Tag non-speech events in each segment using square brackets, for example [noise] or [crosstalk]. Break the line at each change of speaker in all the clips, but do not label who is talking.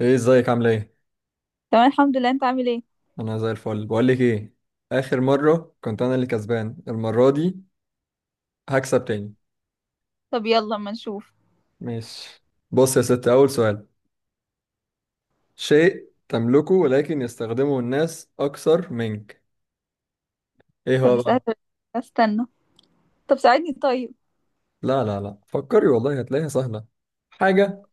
ايه، ازيك؟ عامله ايه؟
تمام، الحمد لله، انت عامل ايه؟
انا زي الفل. بقول لك ايه؟ اخر مره كنت انا اللي كسبان، المره دي هكسب تاني.
طب، يلا اما نشوف.
ماشي. بص يا ست، اول سؤال. شيء تملكه ولكن يستخدمه الناس اكثر منك. ايه
طب
هو بقى؟
استنى، استنى. طب ساعدني طيب.
لا لا لا، فكري والله هتلاقيها سهله. حاجه.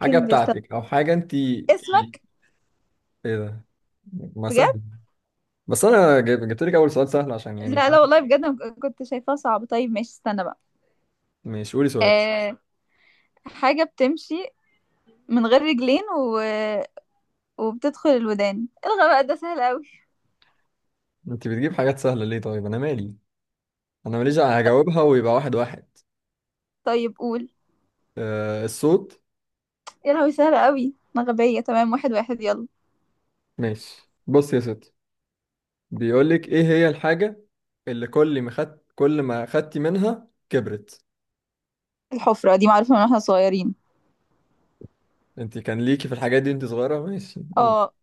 حاجه
بيستنى.
بتاعتك او حاجه انت، ايه
اسمك.
ده؟ ما
بجد؟
سهل. بس انا جبت لك اول سؤال سهل عشان يعني.
لا لا، والله بجد انا كنت شايفاها صعبة. طيب ماشي، استنى بقى.
ماشي، قولي سؤال.
آه حاجة بتمشي من غير رجلين و... وبتدخل الودان، الغى بقى، ده سهل قوي.
انت بتجيب حاجات سهله ليه؟ طيب انا مالي. انا ماليش هجاوبها ويبقى 1-1.
طيب، قول.
آه، الصوت.
يا لهوي، سهل قوي، انا غبية. تمام، واحد واحد، يلا.
ماشي، بص يا ستي. بيقول لك ايه هي الحاجة اللي كل ما خدتي منها كبرت.
الحفرة دي معروفة من واحنا صغيرين.
انت كان ليكي في الحاجات دي انت صغيرة. ماشي، قول.
اه.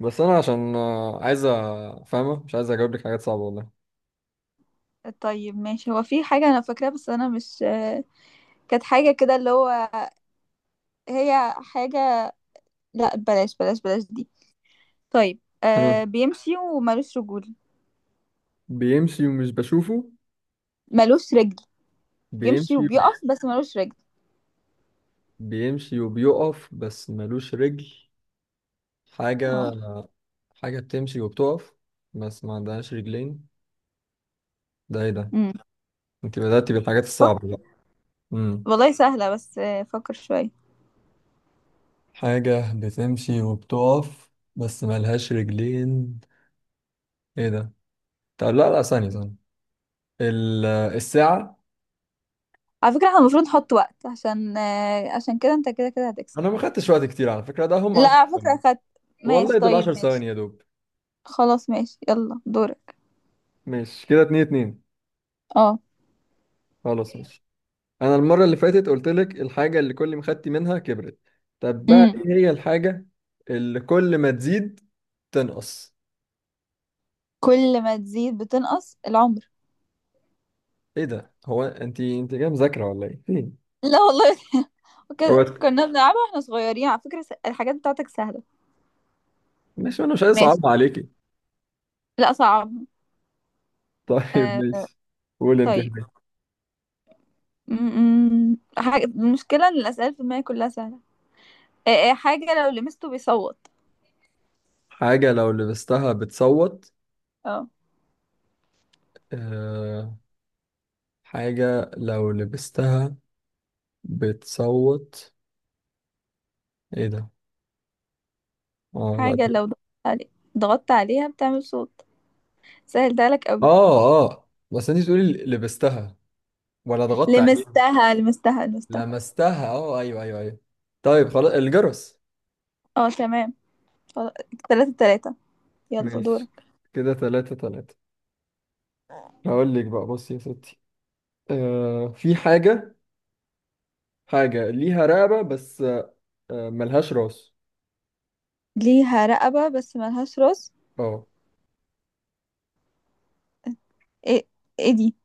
بس انا عشان عايزة. فاهمة، مش عايز اجاوب لك حاجات صعبة والله.
طيب ماشي، هو في حاجة انا فاكراها بس انا مش كانت حاجة كده اللي هو، هي حاجة، لا بلاش بلاش بلاش دي. طيب،
ها.
بيمشي ومالوش رجول.
بيمشي ومش بشوفه.
مالوش رجل. بيمشي
بيمشي.
وبيقف بس مالوش رجل.
بيمشي وبيقف بس ملوش رجل. حاجة.
اه.
حاجة بتمشي وبتقف بس ما عندهاش رجلين. ده ايه ده؟
امم
انت بدأتي بالحاجات
فك...
الصعبة بقى. مم.
والله سهلة، بس فكر شوية.
حاجة بتمشي وبتقف بس ملهاش رجلين. ايه ده؟ طب لا لا، ثانية ثانية. الساعة.
على فكرة احنا المفروض نحط وقت، عشان كده انت كده كده هتكسب.
انا ما خدتش وقت كتير على فكرة، ده هم
لا
10
على فكرة
ثواني.
اخدت.
والله
ماشي،
دول 10
طيب ماشي.
ثواني يا دوب.
خلاص ماشي، يلا دورك.
ماشي، كده 2-2.
اه.
خلاص، ماشي. انا المرة اللي فاتت قلت لك الحاجة اللي كل ما خدتي منها كبرت. طب بقى،
امم
ايه هي الحاجة اللي كل ما تزيد تنقص؟
كل ما تزيد بتنقص العمر.
ايه ده؟ هو انت جاية مذاكرة ولا ايه؟ فين؟
لا والله. [laughs]
هو.
وكده كنا بنلعبها واحنا صغيرين. على فكرة الحاجات بتاعتك سهلة.
ماشي، انا مش عايز
ماشي.
اصعب عليكي.
لا صعب.
[laughs] طيب
آه.
ماشي. قول انت.
طيب. م- حاجة، المشكلة ان الأسئلة في دماغي كلها سهلة. إيه حاجة لو لمسته بيصوت.
حاجة لو لبستها بتصوت.
اه.
أه، حاجة لو لبستها بتصوت. ايه ده؟ اه، لا
حاجة
دي-
لو ضغطت عليها بتعمل صوت. سهلتها لك قوي.
اه اه، بس انت تقولي لبستها ولا ضغطت عليها؟
لمستها، لمستها، لمستها.
لمستها، اه ايوه ايوه ايوه. طيب، خلاص الجرس.
اه تمام. خلاص. تلاتة تلاتة، يلا دورك.
ماشي، كده 3-3. هقول لك بقى، بصي يا ستي. أه، في حاجة. حاجة ليها رقبة بس. أه، ملهاش راس.
ليها رقبة بس ملهاش راس.
اه،
ايه ايه دي؟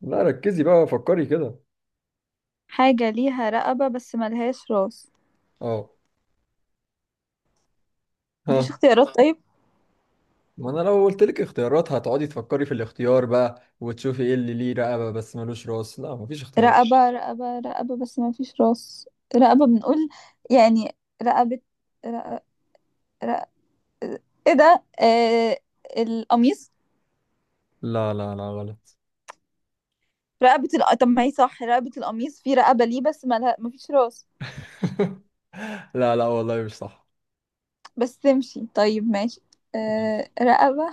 لا ركزي بقى، فكري كده.
حاجة ليها رقبة بس ملهاش راس.
اه. ها.
مفيش اختيارات طيب؟
ما انا لو قلت لك اختيارات هتقعدي تفكري في الاختيار بقى وتشوفي ايه اللي ليه رقبة بس ملوش راس. لا، مفيش اختيارات.
رقبة، رقبة، رقبة بس مفيش راس. رقبة، بنقول يعني. رقبة، رقبة، ايه ده، القميص.
لا لا لا، غلط.
رقبة طب ما هي صح، رقبة القميص، في رقبة ليه بس ما فيش راس.
[laughs] لا لا، والله مش صح.
بس تمشي. طيب ماشي. آه، رقبة.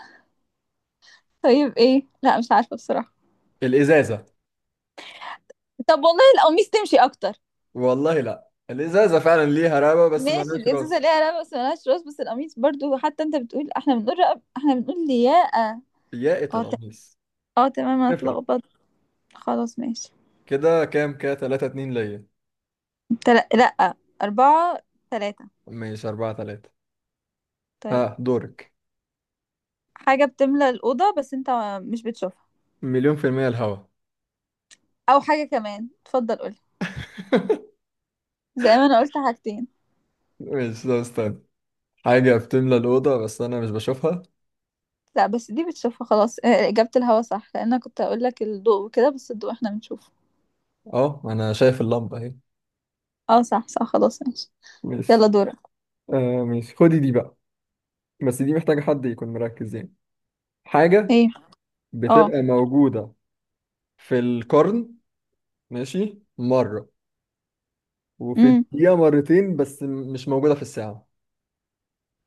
طيب ايه؟ لا مش عارفة بصراحة.
الازازة.
طب والله القميص تمشي اكتر.
والله لا، الازازة فعلا ليها رقبة بس
ماشي،
ملهاش
الازازة
راس.
ليها رقبة بس ملهاش راس، بس القميص برضو، حتى انت بتقول، احنا بنقول رقبة، احنا بنقول لياقة.
يا
اه
القميص.
اه تمام، انا
تفرق.
اتلخبطت. خلاص ماشي.
كده كام كده؟ 3-2 ليا.
لا، أربعة، تلاتة.
ماشي، 4-3.
طيب.
ها، دورك.
حاجة بتملى الأوضة بس انت مش بتشوفها.
مليون في المية الهوا.
أو حاجة كمان، اتفضل قولي، زي ما انا قلت حاجتين.
ماشي ده، استنى. حاجة بتملى الأوضة بس أنا مش بشوفها.
لا بس دي بتشوفها، خلاص. اجابة الهوا صح، لان انا كنت اقول لك الضوء وكده، بس الضوء احنا بنشوفه.
أه، أنا شايف اللمبة أهي.
اه صح صح، خلاص ماشي. يلا
ماشي.
دورك.
آه، ماشي، خدي دي بقى. بس دي محتاجة حد يكون مركز يعني. حاجة
ايه؟ اه.
بتبقى موجودة في القرن ماشي مرة وفي
امم
الدقيقة مرتين بس مش موجودة في الساعة.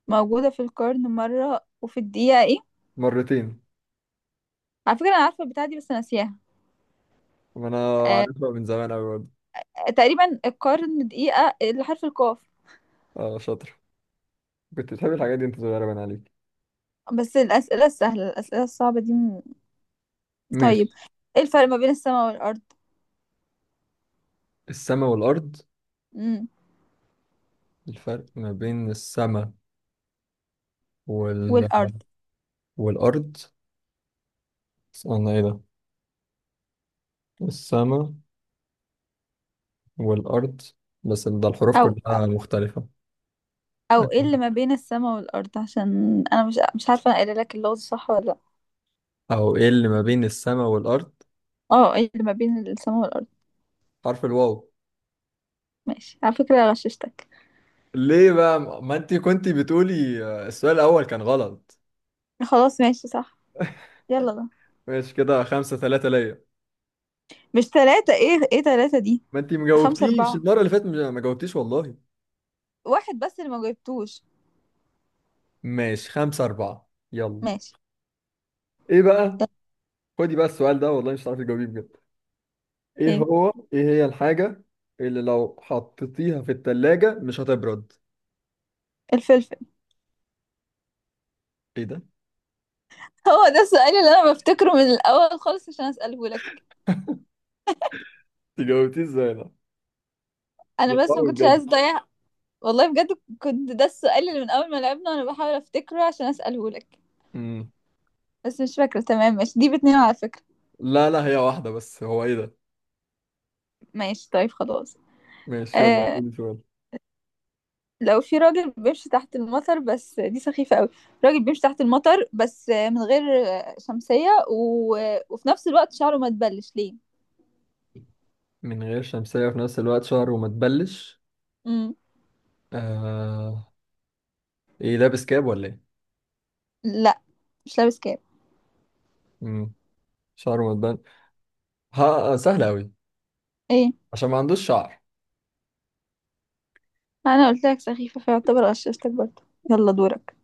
موجودة في القرن مرة وفي الدقيقة ايه؟
مرتين.
على فكرة انا عارفة البتاعة دي بس ناسياها.
وأنا
آه،
عارفها من زمان أوي برضه.
تقريبا، القرن دقيقة، اللي حرف القاف.
اه، شاطر. كنت بتحب الحاجات دي أنت صغيرة، باين عليك.
بس الأسئلة السهلة، الأسئلة الصعبة دي طيب.
ماشي.
ايه الفرق ما بين السماء والأرض؟
السما والأرض.
امم
الفرق ما بين السما وال...
والأرض.
والأرض. استنى، إيه ده؟ السما والأرض. بس ده الحروف
او.
كلها مختلفة.
او، ايه اللي ما بين السماء والأرض، عشان انا مش عارفة انا قايله لك اللغز صح ولا لأ.
أو، إيه اللي ما بين السما والأرض؟
اه، ايه اللي ما بين السماء والارض؟
حرف الواو.
ماشي، على فكرة غششتك.
ليه بقى؟ ما انت كنت بتقولي السؤال الاول كان غلط.
خلاص ماشي صح. يلا، ده.
ماشي، كده 5-3 ليا.
مش ثلاثة، ايه ثلاثة دي؟
ما انت
خمسة
مجاوبتيش
اربعة،
المرة اللي فاتت، ما جاوبتيش والله.
واحد بس اللي ما جبتوش.
ماشي، 5-4 يلا.
ماشي،
ايه بقى؟
يلا.
خدي بقى السؤال ده، والله مش هتعرفي تجاوبيه بجد. ايه
ايه؟
هو؟ ايه هي الحاجة اللي لو حطيتيها في التلاجة مش هتبرد؟
الفلفل.
ايه ده؟
هو ده السؤال اللي انا بفتكره من الاول خالص عشان اساله لك.
انت جاوبتيه ازاي ده؟ ده
انا
صعب
بس ما كنتش عايز
بجد.
اضيع. والله بجد، كنت ده السؤال اللي من اول ما لعبنا وانا بحاول افتكره عشان اساله لك.
مم.
بس مش فاكرة تمام. ماشي، دي باتنين على فكرة.
لا لا، هي واحدة بس. هو ايه ده؟
ماشي، طيب خلاص.
ماشي، يلا
آه
قولي سؤال.
لو في راجل بيمشي تحت المطر، بس دي سخيفة قوي. راجل بيمشي تحت المطر بس من غير شمسية و... وفي نفس الوقت شعره ما تبلش ليه؟
من غير شمسية في نفس الوقت شهر وما تبلش.
مم.
آه، ايه، لابس كاب ولا ايه؟
لا مش لابس كاب.
امم. شعره متبان. ها، سهل قوي.
ايه؟
عشان ما عندوش شعر.
انا قلت لك سخيفة، فيعتبر غششتك برضه. يلا دورك.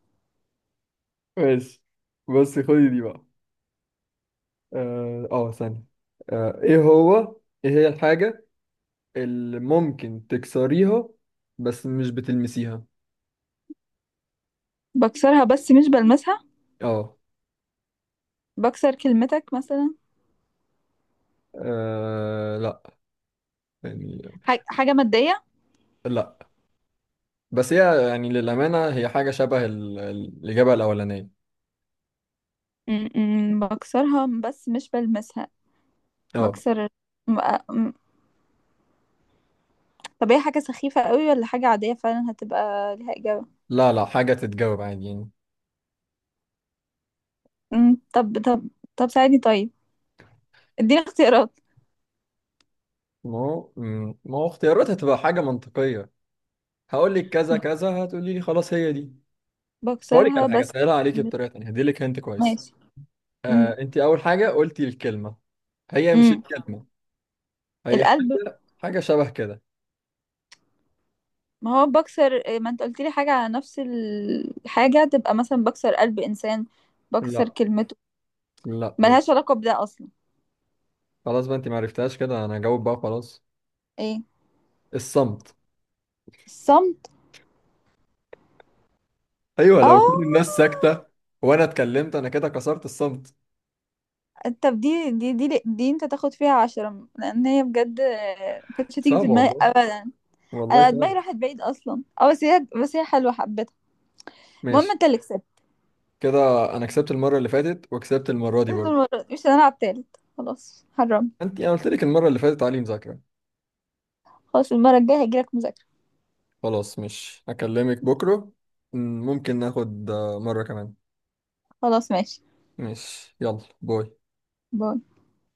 ماشي، بص خدي دي بقى. اه، ثانية. آه، ايه هو؟ ايه هي الحاجة اللي ممكن تكسريها بس مش بتلمسيها؟
بكسرها بس مش بلمسها.
اه.
بكسر كلمتك مثلا.
لا. يعني.
حاجة مادية.
لا. بس هي يعني، للأمانة، هي حاجة شبه الإجابة الأولانية.
بكسرها بس مش بلمسها.
اه.
بكسر م- م- طب هي حاجة سخيفة قوي ولا حاجة عادية فعلا هتبقى ليها إجابة؟
لا لا، حاجة تتجاوب عادي يعني.
طب. طب ساعدني طيب، اديني اختيارات.
ما هو، ما هو اختياراتها تبقى حاجة منطقية. هقول لك كذا كذا، هتقولي لي خلاص هي دي. بقول لك على
بكسرها
حاجه،
بس.
اسالها عليكي بطريقه ثانيه هدي لك هنت كويس.
ماشي. امم
آه، انت اول حاجه قلتي الكلمه. هي مش
امم
الكلمه. هي
القلب.
حاجه حاجه شبه كده.
ما هو بكسر، ما انت قلت لي حاجة على نفس الحاجة، تبقى مثلا بكسر قلب انسان، بكسر
لا
كلمته.
لا برضه.
ملهاش علاقة بده اصلا.
خلاص بقى، انت ما عرفتهاش. كده انا هجاوب بقى، خلاص.
ايه؟
الصمت.
الصمت.
ايوه،
اه.
لو كل الناس ساكته وانا اتكلمت، انا كده كسرت الصمت.
طب دي انت تاخد فيها عشرة، لان هي بجد ما كانتش هتيجي في
صعبه
دماغي
والله.
ابدا.
والله
انا دماغي
صعبه.
راحت بعيد اصلا. اه، بس هي حلوة، حبيتها. المهم
ماشي
انت اللي كسبت.
كده. انا كسبت المره اللي فاتت وكسبت المره دي برضه.
المرة دي مش هنلعب تالت، خلاص حرام.
انت، انا قلت لك المره اللي فاتت علي مذاكره.
خلاص، المرة الجاية هجيلك مذاكرة.
خلاص، مش هكلمك بكرة. ممكن ناخد مرة كمان.
خلاص ماشي،
مش، يلا باي.
باي.